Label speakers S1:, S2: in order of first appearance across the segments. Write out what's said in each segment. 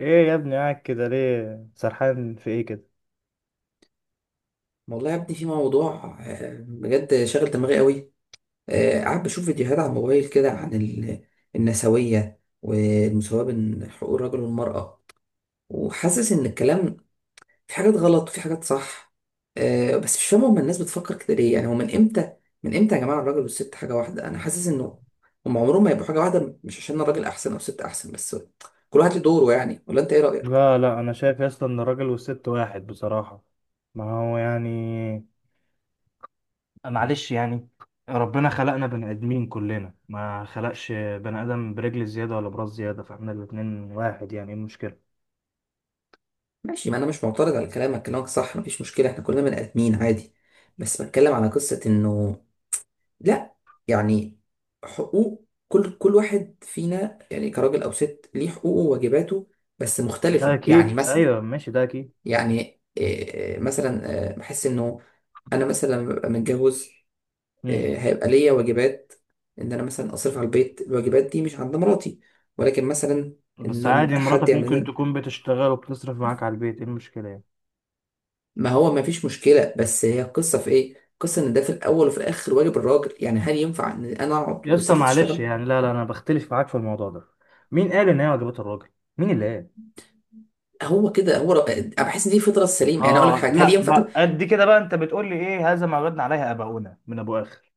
S1: ايه يا ابني؟ قاعد كده ليه؟ سرحان في ايه كده؟
S2: والله يا ابني في موضوع بجد شاغل دماغي قوي. قاعد بشوف فيديوهات على الموبايل كده عن النسوية والمساواة بين حقوق الرجل والمرأة، وحاسس ان الكلام في حاجات غلط وفي حاجات صح. بس مش فاهم هما الناس بتفكر كده ليه، يعني هو من امتى، من امتى يا جماعة الراجل والست حاجة واحدة؟ انا حاسس انه هما عمرهم ما يبقوا حاجة واحدة، مش عشان الراجل احسن او الست احسن، بس كل واحد له دوره يعني. ولا انت ايه رأيك؟
S1: لا لا، انا شايف يا اسطى ان الراجل والست واحد بصراحة. ما هو يعني، معلش يعني، ربنا خلقنا بني ادمين كلنا، ما خلقش بني ادم برجل زيادة ولا براس زيادة، فاحنا الاتنين واحد، يعني ايه المشكلة؟
S2: ماشي، ما انا مش معترض على كلامك، كلامك صح مفيش مشكله، احنا كلنا بني ادمين عادي. بس بتكلم على قصه انه، لا، يعني، حقوق كل واحد فينا يعني كراجل او ست ليه حقوقه وواجباته، بس
S1: ده
S2: مختلفه يعني
S1: اكيد،
S2: مثلا.
S1: ايوه ماشي، ده اكيد.
S2: يعني إيه، إيه، مثلا بحس انه انا مثلا لما ببقى متجوز
S1: امم
S2: هيبقى ليا واجبات، ان انا مثلا اصرف على البيت، الواجبات دي مش عند مراتي، ولكن مثلا
S1: بس
S2: ان
S1: عادي،
S2: حد
S1: مراتك
S2: يعمل
S1: ممكن
S2: لنا.
S1: تكون بتشتغل وبتصرف معاك على البيت، ايه المشكلة يعني؟
S2: ما هو ما فيش مشكلة، بس هي القصة في ايه؟ القصة ان ده في الاول وفي الاخر واجب الراجل، يعني هل ينفع ان انا اقعد
S1: يا اسطى
S2: والست
S1: معلش
S2: تشتغل؟
S1: يعني، لا لا، انا بختلف معاك في الموضوع ده. مين قال ان هي واجبات الراجل؟ مين اللي قال؟
S2: هو كده، هو انا بحس ان دي فطرة السليم، يعني اقول لك
S1: اه،
S2: حاجة، هل
S1: لا
S2: ينفع؟ طب،
S1: بقى، قد كده بقى انت بتقول لي ايه؟ "هذا ما وجدنا عليه اباؤنا" من ابو اخر؟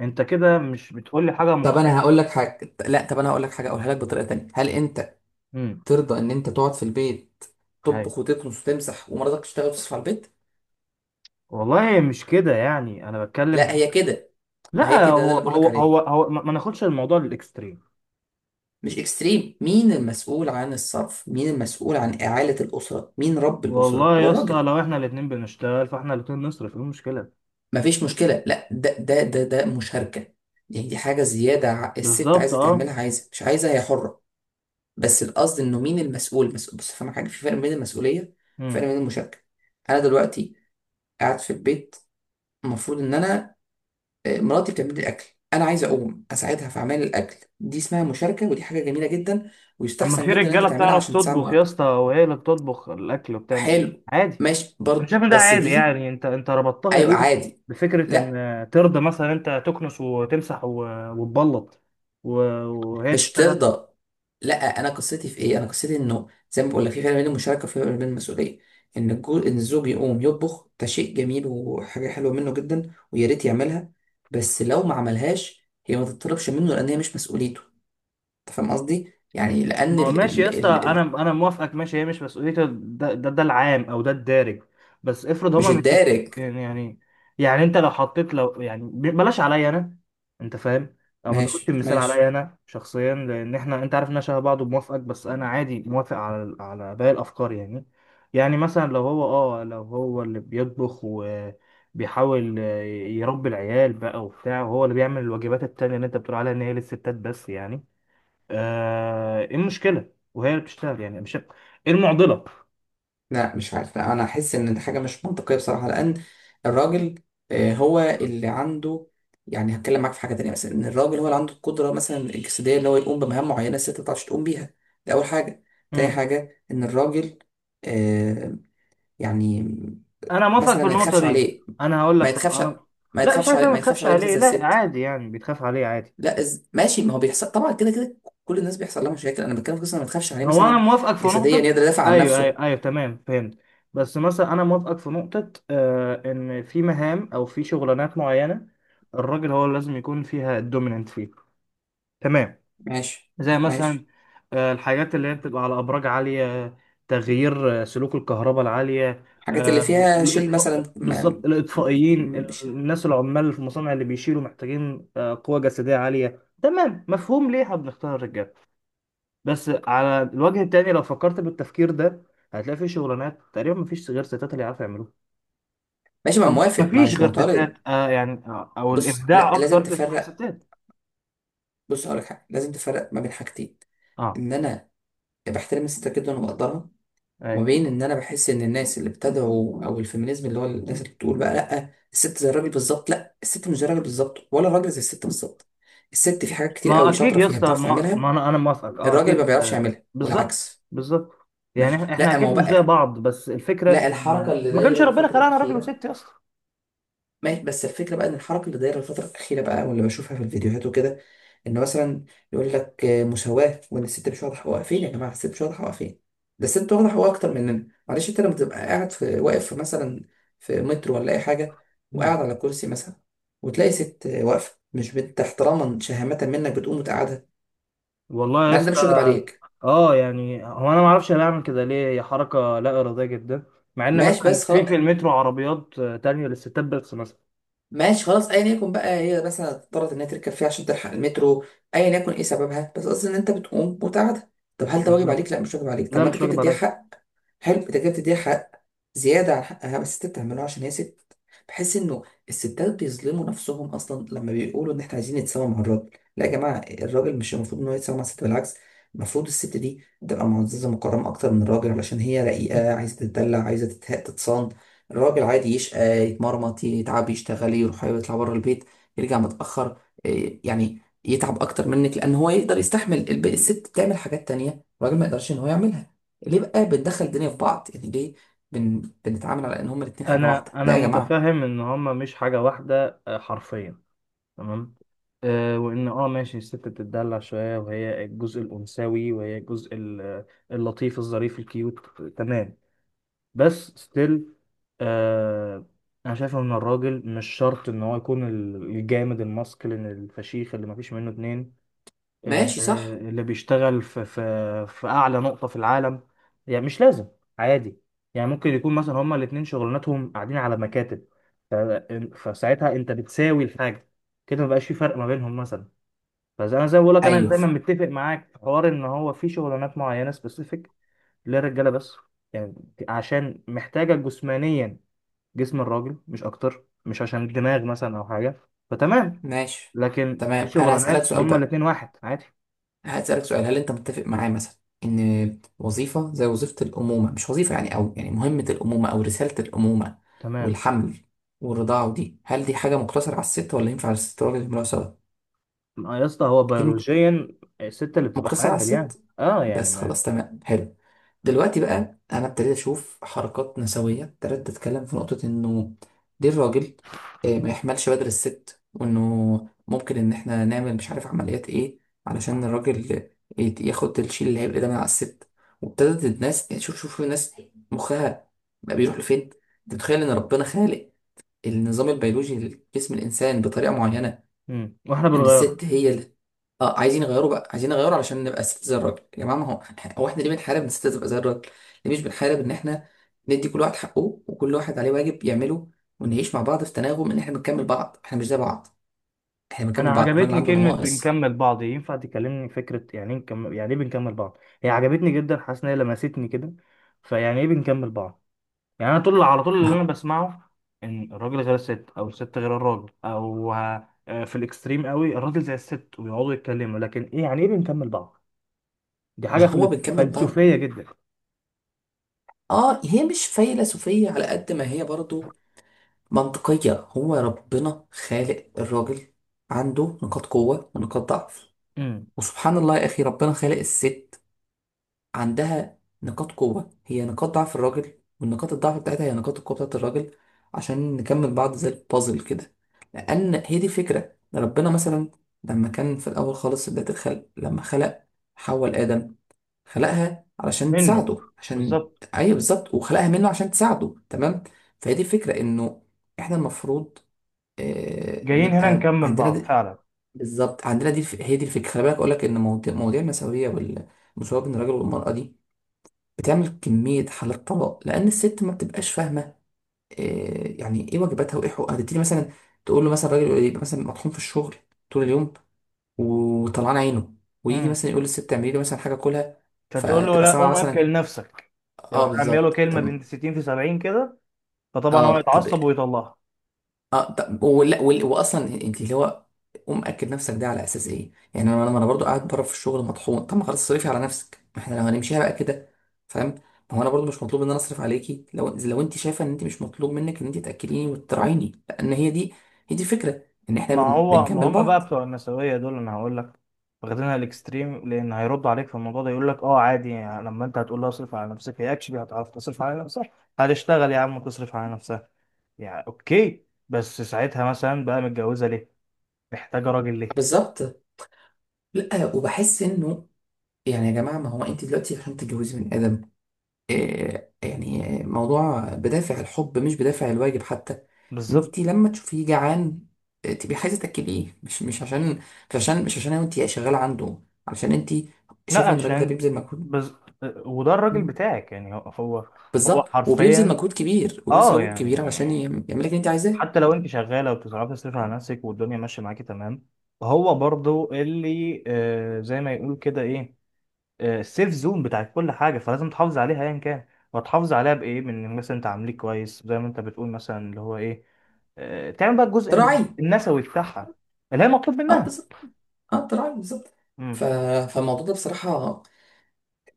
S1: انت كده مش بتقول لي حاجه
S2: طب انا
S1: مقنعه.
S2: هقول لك حاجة، لا طب انا هقول لك حاجة اقولها لك بطريقة تانية، هل انت
S1: امم
S2: ترضى ان انت تقعد في البيت
S1: هاي،
S2: تطبخ وتكنس وتمسح ومراتك تشتغل وتصرف على البيت؟
S1: والله مش كده، يعني انا بتكلم.
S2: لا هي كده، ما هي
S1: لا،
S2: كده ده
S1: هو
S2: اللي بقول
S1: هو
S2: لك
S1: هو,
S2: عليه،
S1: هو ما ناخدش الموضوع للاكستريم.
S2: مش اكستريم. مين المسؤول عن الصرف؟ مين المسؤول عن إعالة الأسرة؟ مين رب الأسرة؟
S1: والله
S2: هو
S1: يا اسطى،
S2: الراجل.
S1: لو احنا الاتنين بنشتغل فاحنا الاتنين نصرف، ايه المشكله؟
S2: مفيش مشكلة، لا ده مشاركة يعني، دي حاجة زيادة، الست
S1: بالظبط،
S2: عايزة
S1: اه.
S2: تعملها، عايزة مش عايزة هي حرة. بس القصد انه مين المسؤول، مسؤول بس، فاهم حاجة، في فرق بين المسؤولية وفرق
S1: امم
S2: بين المشاركة. انا دلوقتي قاعد في البيت، المفروض ان انا مراتي بتعمل لي الاكل، انا عايز اقوم اساعدها في اعمال الاكل، دي اسمها مشاركة ودي حاجة جميلة جدا،
S1: اما
S2: ويستحسن
S1: في
S2: جدا ان انت
S1: رجاله
S2: تعملها
S1: بتعرف
S2: عشان تساعد
S1: تطبخ يا
S2: مراتك.
S1: اسطى، وهي اللي بتطبخ الاكل وبتعمل
S2: حلو.
S1: عادي.
S2: ماشي
S1: انا
S2: برضه
S1: شايف إن ده
S2: بس
S1: عادي،
S2: دي.
S1: يعني انت ربطتها
S2: ايوه
S1: ليه
S2: عادي.
S1: بفكره ان
S2: لا
S1: ترضى مثلا انت تكنس وتمسح وتبلط و- وهي
S2: مش
S1: تشتغل؟
S2: ترضى. لا. انا قصتي في ايه، انا قصتي انه زي ما بقول لك في فرق بين المشاركه وفي فرق بين المسؤوليه، ان ان الزوج يقوم يطبخ ده شيء جميل وحاجه حلوه منه جدا ويا ريت يعملها، بس لو ما عملهاش هي ما تطلبش منه، لان هي مش مسؤوليته. انت فاهم قصدي يعني لان
S1: ما هو ماشي يا اسطى، انا انا موافقك، ماشي، هي مش مسؤوليته، ده العام او ده الدارج، بس افرض
S2: مش
S1: هما متفقين.
S2: الدارج.
S1: يعني يعني يعني انت لو حطيت، بلاش عليا انا، انت فاهم، او ما تاخدش
S2: ماشي
S1: المثال عليا
S2: ماشي.
S1: انا شخصيا، لان احنا انت عارف ان انا شبه بعض وموافقك، بس انا عادي موافق على باقي الافكار يعني. يعني مثلا لو هو، اه لو هو اللي بيطبخ وبيحاول يربي العيال بقى وبتاع، وهو اللي بيعمل الواجبات التانية اللي انت بتقول عليها ان هي للستات بس، يعني ايه المشكله وهي اللي بتشتغل؟ يعني مش ايه المعضله؟
S2: لا مش عارف، لا انا احس ان دي حاجه مش منطقيه بصراحه، لان الراجل هو اللي عنده، يعني هتكلم معاك في حاجه تانية، مثلا ان الراجل هو اللي عنده القدره مثلا الجسديه ان هو يقوم بمهام معينه الست ما بتعرفش تقوم بيها. دي اول حاجه. تاني
S1: امم
S2: حاجه ان الراجل آه، يعني
S1: انا موافق
S2: مثلا
S1: في
S2: ما
S1: النقطه
S2: يتخافش
S1: دي.
S2: عليه،
S1: انا هقول لك،
S2: ما
S1: في
S2: يتخافش
S1: انا، لا مش عايز أقول
S2: ما
S1: ما
S2: يتخافش
S1: تخافش
S2: عليه مثلا
S1: عليه،
S2: زي
S1: لا
S2: الست.
S1: عادي يعني بيتخاف عليه عادي.
S2: لا ماشي، ما هو بيحصل طبعا كده كده، كل الناس بيحصل لها مشاكل، انا بتكلم في قصه إن ما تخافش عليه
S1: هو انا
S2: مثلا
S1: موافقك في
S2: جسديا
S1: نقطه،
S2: يقدر يدافع عن
S1: ايوه ايوه
S2: نفسه.
S1: ايوه، تمام فهمت. بس مثلا انا موافقك في نقطه ان في مهام او في شغلانات معينه الراجل هو اللي لازم يكون فيها الدوميننت فيه، تمام.
S2: ماشي
S1: زي
S2: ماشي.
S1: مثلا، الحاجات اللي هي بتبقى على أبراج عالية، تغيير سلوك الكهرباء العالية،
S2: الحاجات اللي
S1: آه،
S2: فيها شيل
S1: الإطفاء
S2: مثلا ما،
S1: بالظبط، الإطفائيين،
S2: مش.
S1: الناس العمال في المصانع اللي بيشيلوا، محتاجين قوة جسدية عالية. تمام، مفهوم ليه احنا بنختار الرجال. بس على الوجه التاني لو فكرت بالتفكير ده، هتلاقي في شغلانات تقريبا مفيش غير ستات اللي يعرفوا يعملوها،
S2: ماشي، ما
S1: أو مش
S2: موافق، ما
S1: مفيش
S2: مش
S1: غير
S2: معترض.
S1: ستات، أو
S2: بص، لا
S1: الإبداع
S2: لازم
S1: أكتر تسمع
S2: تفرق.
S1: ستات.
S2: بص هقولك حاجه لازم تفرق ما بين حاجتين،
S1: اه،
S2: ان انا بحترم الست جدا وبقدرها، وما
S1: أيوة.
S2: بين ان انا بحس ان الناس اللي بتدعو او الفيمينيزم اللي هو الناس اللي بتقول بقى لا الست زي الراجل بالظبط، لا الست مش زي الراجل بالظبط، ولا الراجل زي الست بالظبط. الست في حاجات كتير
S1: ما
S2: قوي
S1: اكيد
S2: شاطره
S1: يا
S2: فيها
S1: اسطى،
S2: بتعرف
S1: ما
S2: تعملها،
S1: انا موافقك، اه
S2: الراجل ما
S1: اكيد،
S2: بيعرفش يعملها
S1: بالظبط
S2: والعكس.
S1: بالظبط.
S2: ماشي.
S1: يعني احنا
S2: لا ما
S1: اكيد
S2: هو
S1: مش زي
S2: بقى،
S1: بعض، بس الفكره
S2: لا الحركه
S1: ان
S2: اللي
S1: ما كانش
S2: دايره
S1: ربنا
S2: الفتره
S1: خلقنا راجل
S2: الاخيره،
S1: وست يا اسطى.
S2: ماشي بس الفكرة بقى إن الحركة اللي دايرة الفترة الأخيرة بقى واللي بشوفها في الفيديوهات وكده، إن مثلا يقول لك مساواة، وإن الست مش واخدة حقوقها فين؟ يا جماعة الست مش واخدة حقوقها فين؟ ده الست واخدة حقوقها أكتر مننا، معلش. أنت لما تبقى قاعد في، واقف في مثلا في مترو ولا أي حاجة
S1: مم.
S2: وقاعد على كرسي مثلا، وتلاقي ست واقفة مش بنت، احتراما شهامة منك بتقوم وتقعدها،
S1: والله يا
S2: مع إن ده
S1: اسطى،
S2: مش واجب عليك.
S1: اه يعني هو انا ما اعرفش انا بعمل كده ليه، هي حركه لا اراديه جدا، مع ان
S2: ماشي
S1: مثلا
S2: بس
S1: في
S2: خلاص،
S1: في المترو عربيات تانية للستات بس مثلا.
S2: ماشي خلاص ايا يكن بقى، هي مثلا اضطرت انها تركب فيها عشان تلحق المترو، ايا يكن ايه سببها، بس قصدي ان انت بتقوم وتقعدها. طب هل ده واجب عليك؟
S1: بالظبط،
S2: لا مش واجب عليك، طب
S1: لا
S2: ما انت
S1: مش
S2: كده
S1: واجب
S2: بتديها
S1: عليا.
S2: حق. حلو، انت كده بتديها حق زياده عن حقها، بس انت بتعمله عشان هي ست. بحس انه الستات بيظلموا نفسهم اصلا لما بيقولوا ان احنا عايزين نتساوى مع الراجل. لا يا جماعه، الراجل مش المفروض ان هو يتساوى مع الست، بالعكس المفروض الست دي تبقى معززه مكرمه اكتر من الراجل، علشان هي رقيقه عايزه تتدلع عايزه تتصان. الراجل عادي يشقى يتمرمط يتعب يشتغل يروح يطلع بره البيت يرجع متأخر يعني يتعب أكتر منك، لأن هو يقدر يستحمل، الست بتعمل حاجات تانية الراجل ما يقدرش إن هو يعملها. ليه بقى بندخل الدنيا في بعض؟ يعني ليه بنتعامل على إن هما الاتنين حاجة
S1: انا
S2: واحدة؟
S1: انا
S2: لا يا جماعة.
S1: متفهم ان هما مش حاجه واحده حرفيا، تمام. آه وان اه ماشي، الست بتتدلع شويه وهي الجزء الانثوي، وهي الجزء اللطيف الظريف الكيوت، تمام، بس ستيل، آه انا شايف ان الراجل مش شرط ان هو يكون الجامد الماسكلين الفشيخ اللي مفيش منه اتنين،
S2: ماشي صح.
S1: اللي بيشتغل في في اعلى نقطة في العالم، يعني مش لازم، عادي. يعني ممكن يكون مثلا هما الاتنين شغلانتهم قاعدين على مكاتب، ف- فساعتها انت بتساوي الحاجة، كده مبقاش في فرق ما بينهم مثلا. فزي انا زي ما بقول لك، انا
S2: أيوه.
S1: دايما متفق معاك في حوار ان هو في شغلانات معينة سبيسيفيك للرجالة بس، يعني عشان محتاجة جسمانيا، جسم الراجل مش اكتر، مش عشان الدماغ مثلا او حاجة. فتمام،
S2: ماشي
S1: لكن في
S2: تمام. أنا هسألك
S1: شغلانات
S2: سؤال
S1: هما
S2: بقى،
S1: الاتنين واحد عادي.
S2: هسألك سؤال، هل أنت متفق معايا مثلا إن وظيفة زي وظيفة الأمومة، مش وظيفة يعني، أو يعني مهمة الأمومة أو رسالة الأمومة
S1: تمام،
S2: والحمل والرضاعة ودي، هل دي حاجة مقتصرة على الست ولا ينفع الست والراجل يعملوها سوا؟
S1: ما يا اسطى هو
S2: أكيد
S1: بيولوجيا الست اللي بتبقى
S2: مقتصر على
S1: حامل، يعني
S2: الست
S1: اه يعني
S2: بس.
S1: ما،
S2: خلاص تمام حلو. دلوقتي بقى انا ابتديت اشوف حركات نسويه، ابتديت اتكلم في نقطه انه دي الراجل ما يحملش بدل الست، وانه ممكن ان احنا نعمل مش عارف عمليات ايه علشان
S1: آه.
S2: الراجل ياخد الشيل اللي هيبقى ده من على الست. وابتدت الناس يعني، شوف شوف الناس مخها بقى بيروح لفين. انت متخيل ان ربنا خالق النظام البيولوجي لجسم الانسان بطريقه معينه
S1: واحنا
S2: ان
S1: بنغير.
S2: الست هي، اه عايزين يغيروا بقى، عايزين يغيروا علشان نبقى ست زي الراجل. يا جماعه ما هو، هو احنا ليه بنحارب ان الست تبقى زي الراجل؟ ليه مش بنحارب ان احنا ندي كل واحد حقه وكل واحد عليه واجب يعمله، ونعيش مع بعض في تناغم، ان احنا بنكمل بعض، احنا مش زي بعض، احنا
S1: انا
S2: بنكمل بعض، الراجل
S1: عجبتني
S2: عنده
S1: كلمة
S2: نواقص.
S1: بنكمل بعض، ينفع تكلمني فكرة يعني ايه نكمل، يعني ايه بنكمل بعض؟ هي عجبتني جدا، حاسس ان هي لمستني كده، فيعني ايه بنكمل بعض؟ يعني انا طول على طول اللي انا
S2: ما
S1: بسمعه ان الراجل غير الست، او الست غير الراجل، او في الاكستريم قوي الراجل زي الست ويقعدوا يتكلموا، لكن ايه يعني ايه بنكمل بعض؟ دي
S2: ما
S1: حاجة
S2: هو بنكمل بعض.
S1: فلسفية جدا.
S2: اه هي مش فيلسوفيه على قد ما هي برضو منطقيه، هو ربنا خالق الراجل عنده نقاط قوه ونقاط ضعف،
S1: مم.
S2: وسبحان الله يا اخي ربنا خالق الست عندها نقاط قوة هي نقاط ضعف الراجل، والنقاط الضعف بتاعتها هي نقاط القوة بتاعت الراجل، عشان نكمل بعض زي البازل كده. لأن هي دي الفكرة، ربنا مثلا لما كان في الأول خالص بداية الخلق لما خلق حواء آدم، خلقها علشان
S1: منه،
S2: تساعده عشان،
S1: بالظبط،
S2: أيوه بالظبط، وخلقها منه عشان تساعده تمام. فهي دي الفكرة إنه إحنا المفروض
S1: جايين هنا
S2: نبقى
S1: نكمل
S2: عندنا
S1: بعض
S2: دي.
S1: فعلا.
S2: بالظبط، عندنا دي هي دي الفكرة. خلي بالك أقول لك إن مواضيع المساوية المساواة بين الراجل والمرأة دي بتعمل كمية حالات طلاق، لأن الست ما بتبقاش فاهمة إيه يعني، إيه واجباتها وإيه حقوقها، تبتدي مثلا تقول له مثلا، الراجل يبقى مثلا مطحون في الشغل طول اليوم وطلعان عينه، ويجي
S1: امم
S2: مثلا يقول للست اعملي لي مثلا حاجة كلها،
S1: مش هتقول له
S2: فتبقى
S1: لا
S2: سامعة
S1: قوم اكل
S2: مثلا.
S1: نفسك؟
S2: آه
S1: يروح رامي له
S2: بالظبط
S1: كلمه
S2: طب.
S1: بنت 60 في 70 كده، فطبعا هو
S2: آه طب.
S1: يتعصب ويطلعها.
S2: اه طب، ولا واصلا انت اللي هو ومأكد نفسك، ده على اساس ايه؟ يعني انا انا أنا برضو قاعد بره في الشغل مطحون، طب ما خلاص صرفي على نفسك، ما احنا لو هنمشيها بقى كده، فاهم؟ ما هو انا برضو مش مطلوب ان انا اصرف عليكي، لو انت شايفه ان انت مش مطلوب منك ان انت تاكليني وتراعيني، لان هي دي، هي دي الفكره ان احنا
S1: ما هو ما
S2: بنكمل
S1: هم
S2: بعض.
S1: بقى بتوع النسويه دول، انا هقول لك، واخدينها الاكستريم، لان هيرد عليك في الموضوع ده يقول لك اه عادي يعني، لما انت هتقول لها اصرف على نفسك هي اكشلي هتعرف تصرف على نفسها، هتشتغل يا عم وتصرف على نفسها. يعني اوكي، بس ساعتها مثلا بقى متجوزه ليه؟ محتاجه راجل ليه؟
S2: بالظبط. لا وبحس انه، يعني يا جماعه ما هو انت دلوقتي عشان تتجوزي من ادم يعني موضوع بدافع الحب مش بدافع الواجب حتى.
S1: بالظبط.
S2: انت لما تشوفيه جعان تبقي عايزه تاكليه، مش عشان انت شغاله عنده، عشان انت
S1: لا
S2: شايفه ان الراجل ده
S1: عشان،
S2: بيبذل مجهود.
S1: بز... وده الراجل
S2: مم.
S1: بتاعك، يعني هو هو
S2: بالظبط وبيبذل
S1: حرفيا.
S2: مجهود كبير، وبيبذل
S1: اه
S2: مجهود كبير
S1: يعني
S2: عشان يعمل لك اللي انت عايزاه.
S1: حتى لو انت شغاله وبتصرفي تصرف على نفسك والدنيا ماشيه معاكي، تمام، هو برضو اللي زي ما يقول كده ايه، آه السيف زون بتاعت كل حاجه، فلازم تحافظ عليها ايا كان، وتحافظ عليها بايه؟ من مثلا انت عامليه كويس زي ما انت بتقول مثلا، اللي هو ايه، آه تعمل بقى الجزء
S2: تراعي.
S1: النسوي بتاعها اللي هي مطلوب
S2: اه
S1: منها.
S2: بالظبط، اه تراعي بالظبط. ف...
S1: مم.
S2: فالموضوع ده بصراحه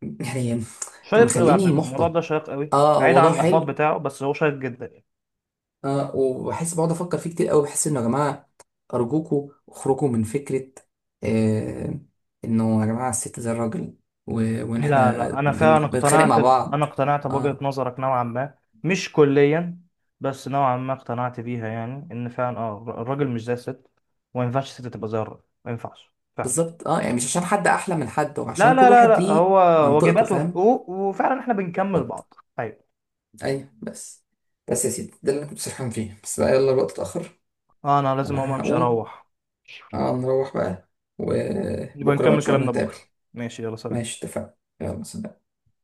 S2: يعني
S1: شيق قوي على
S2: مخليني
S1: فكره، الموضوع ده
S2: محبط.
S1: شيق قوي
S2: اه هو
S1: بعيد عن
S2: موضوع
S1: الاحباط
S2: حلو،
S1: بتاعه، بس هو شيق جدا.
S2: اه وبحس بقعد افكر فيه كتير قوي، بحس انه يا جماعه ارجوكوا اخرجوا من فكره آه انه يا جماعه الست زي الراجل و- وان
S1: لا
S2: احنا
S1: لا، انا فعلا
S2: بنتخانق
S1: اقتنعت
S2: مع
S1: انا
S2: بعض.
S1: اقتنعت بوجهة
S2: اه
S1: نظرك نوعا ما، مش كليا، بس نوعا ما اقتنعت بيها، يعني ان فعلا الراجل مش زي الست، وما ينفعش الست تبقى زي الراجل، ما ينفعش فعلا.
S2: بالظبط. اه يعني مش عشان حد احلى من حد،
S1: لا
S2: وعشان
S1: لا
S2: كل
S1: لا
S2: واحد
S1: لا،
S2: ليه
S1: هو
S2: منطقته،
S1: واجبات
S2: فاهم؟
S1: وحقوق، وفعلا احنا بنكمل
S2: بالظبط.
S1: بعض. ايوه،
S2: ايوه. بس يا سيدي ده اللي انا كنت سرحان فيه، بس بقى يلا الوقت اتاخر.
S1: انا لازم اقوم
S2: انا
S1: امشي
S2: هقوم.
S1: اروح.
S2: اه نروح بقى،
S1: نبقى
S2: وبكره بقى ان
S1: نكمل
S2: شاء الله
S1: كلامنا
S2: نتقابل.
S1: بكره، ماشي يلا سلام.
S2: ماشي اتفقنا، يلا سلام.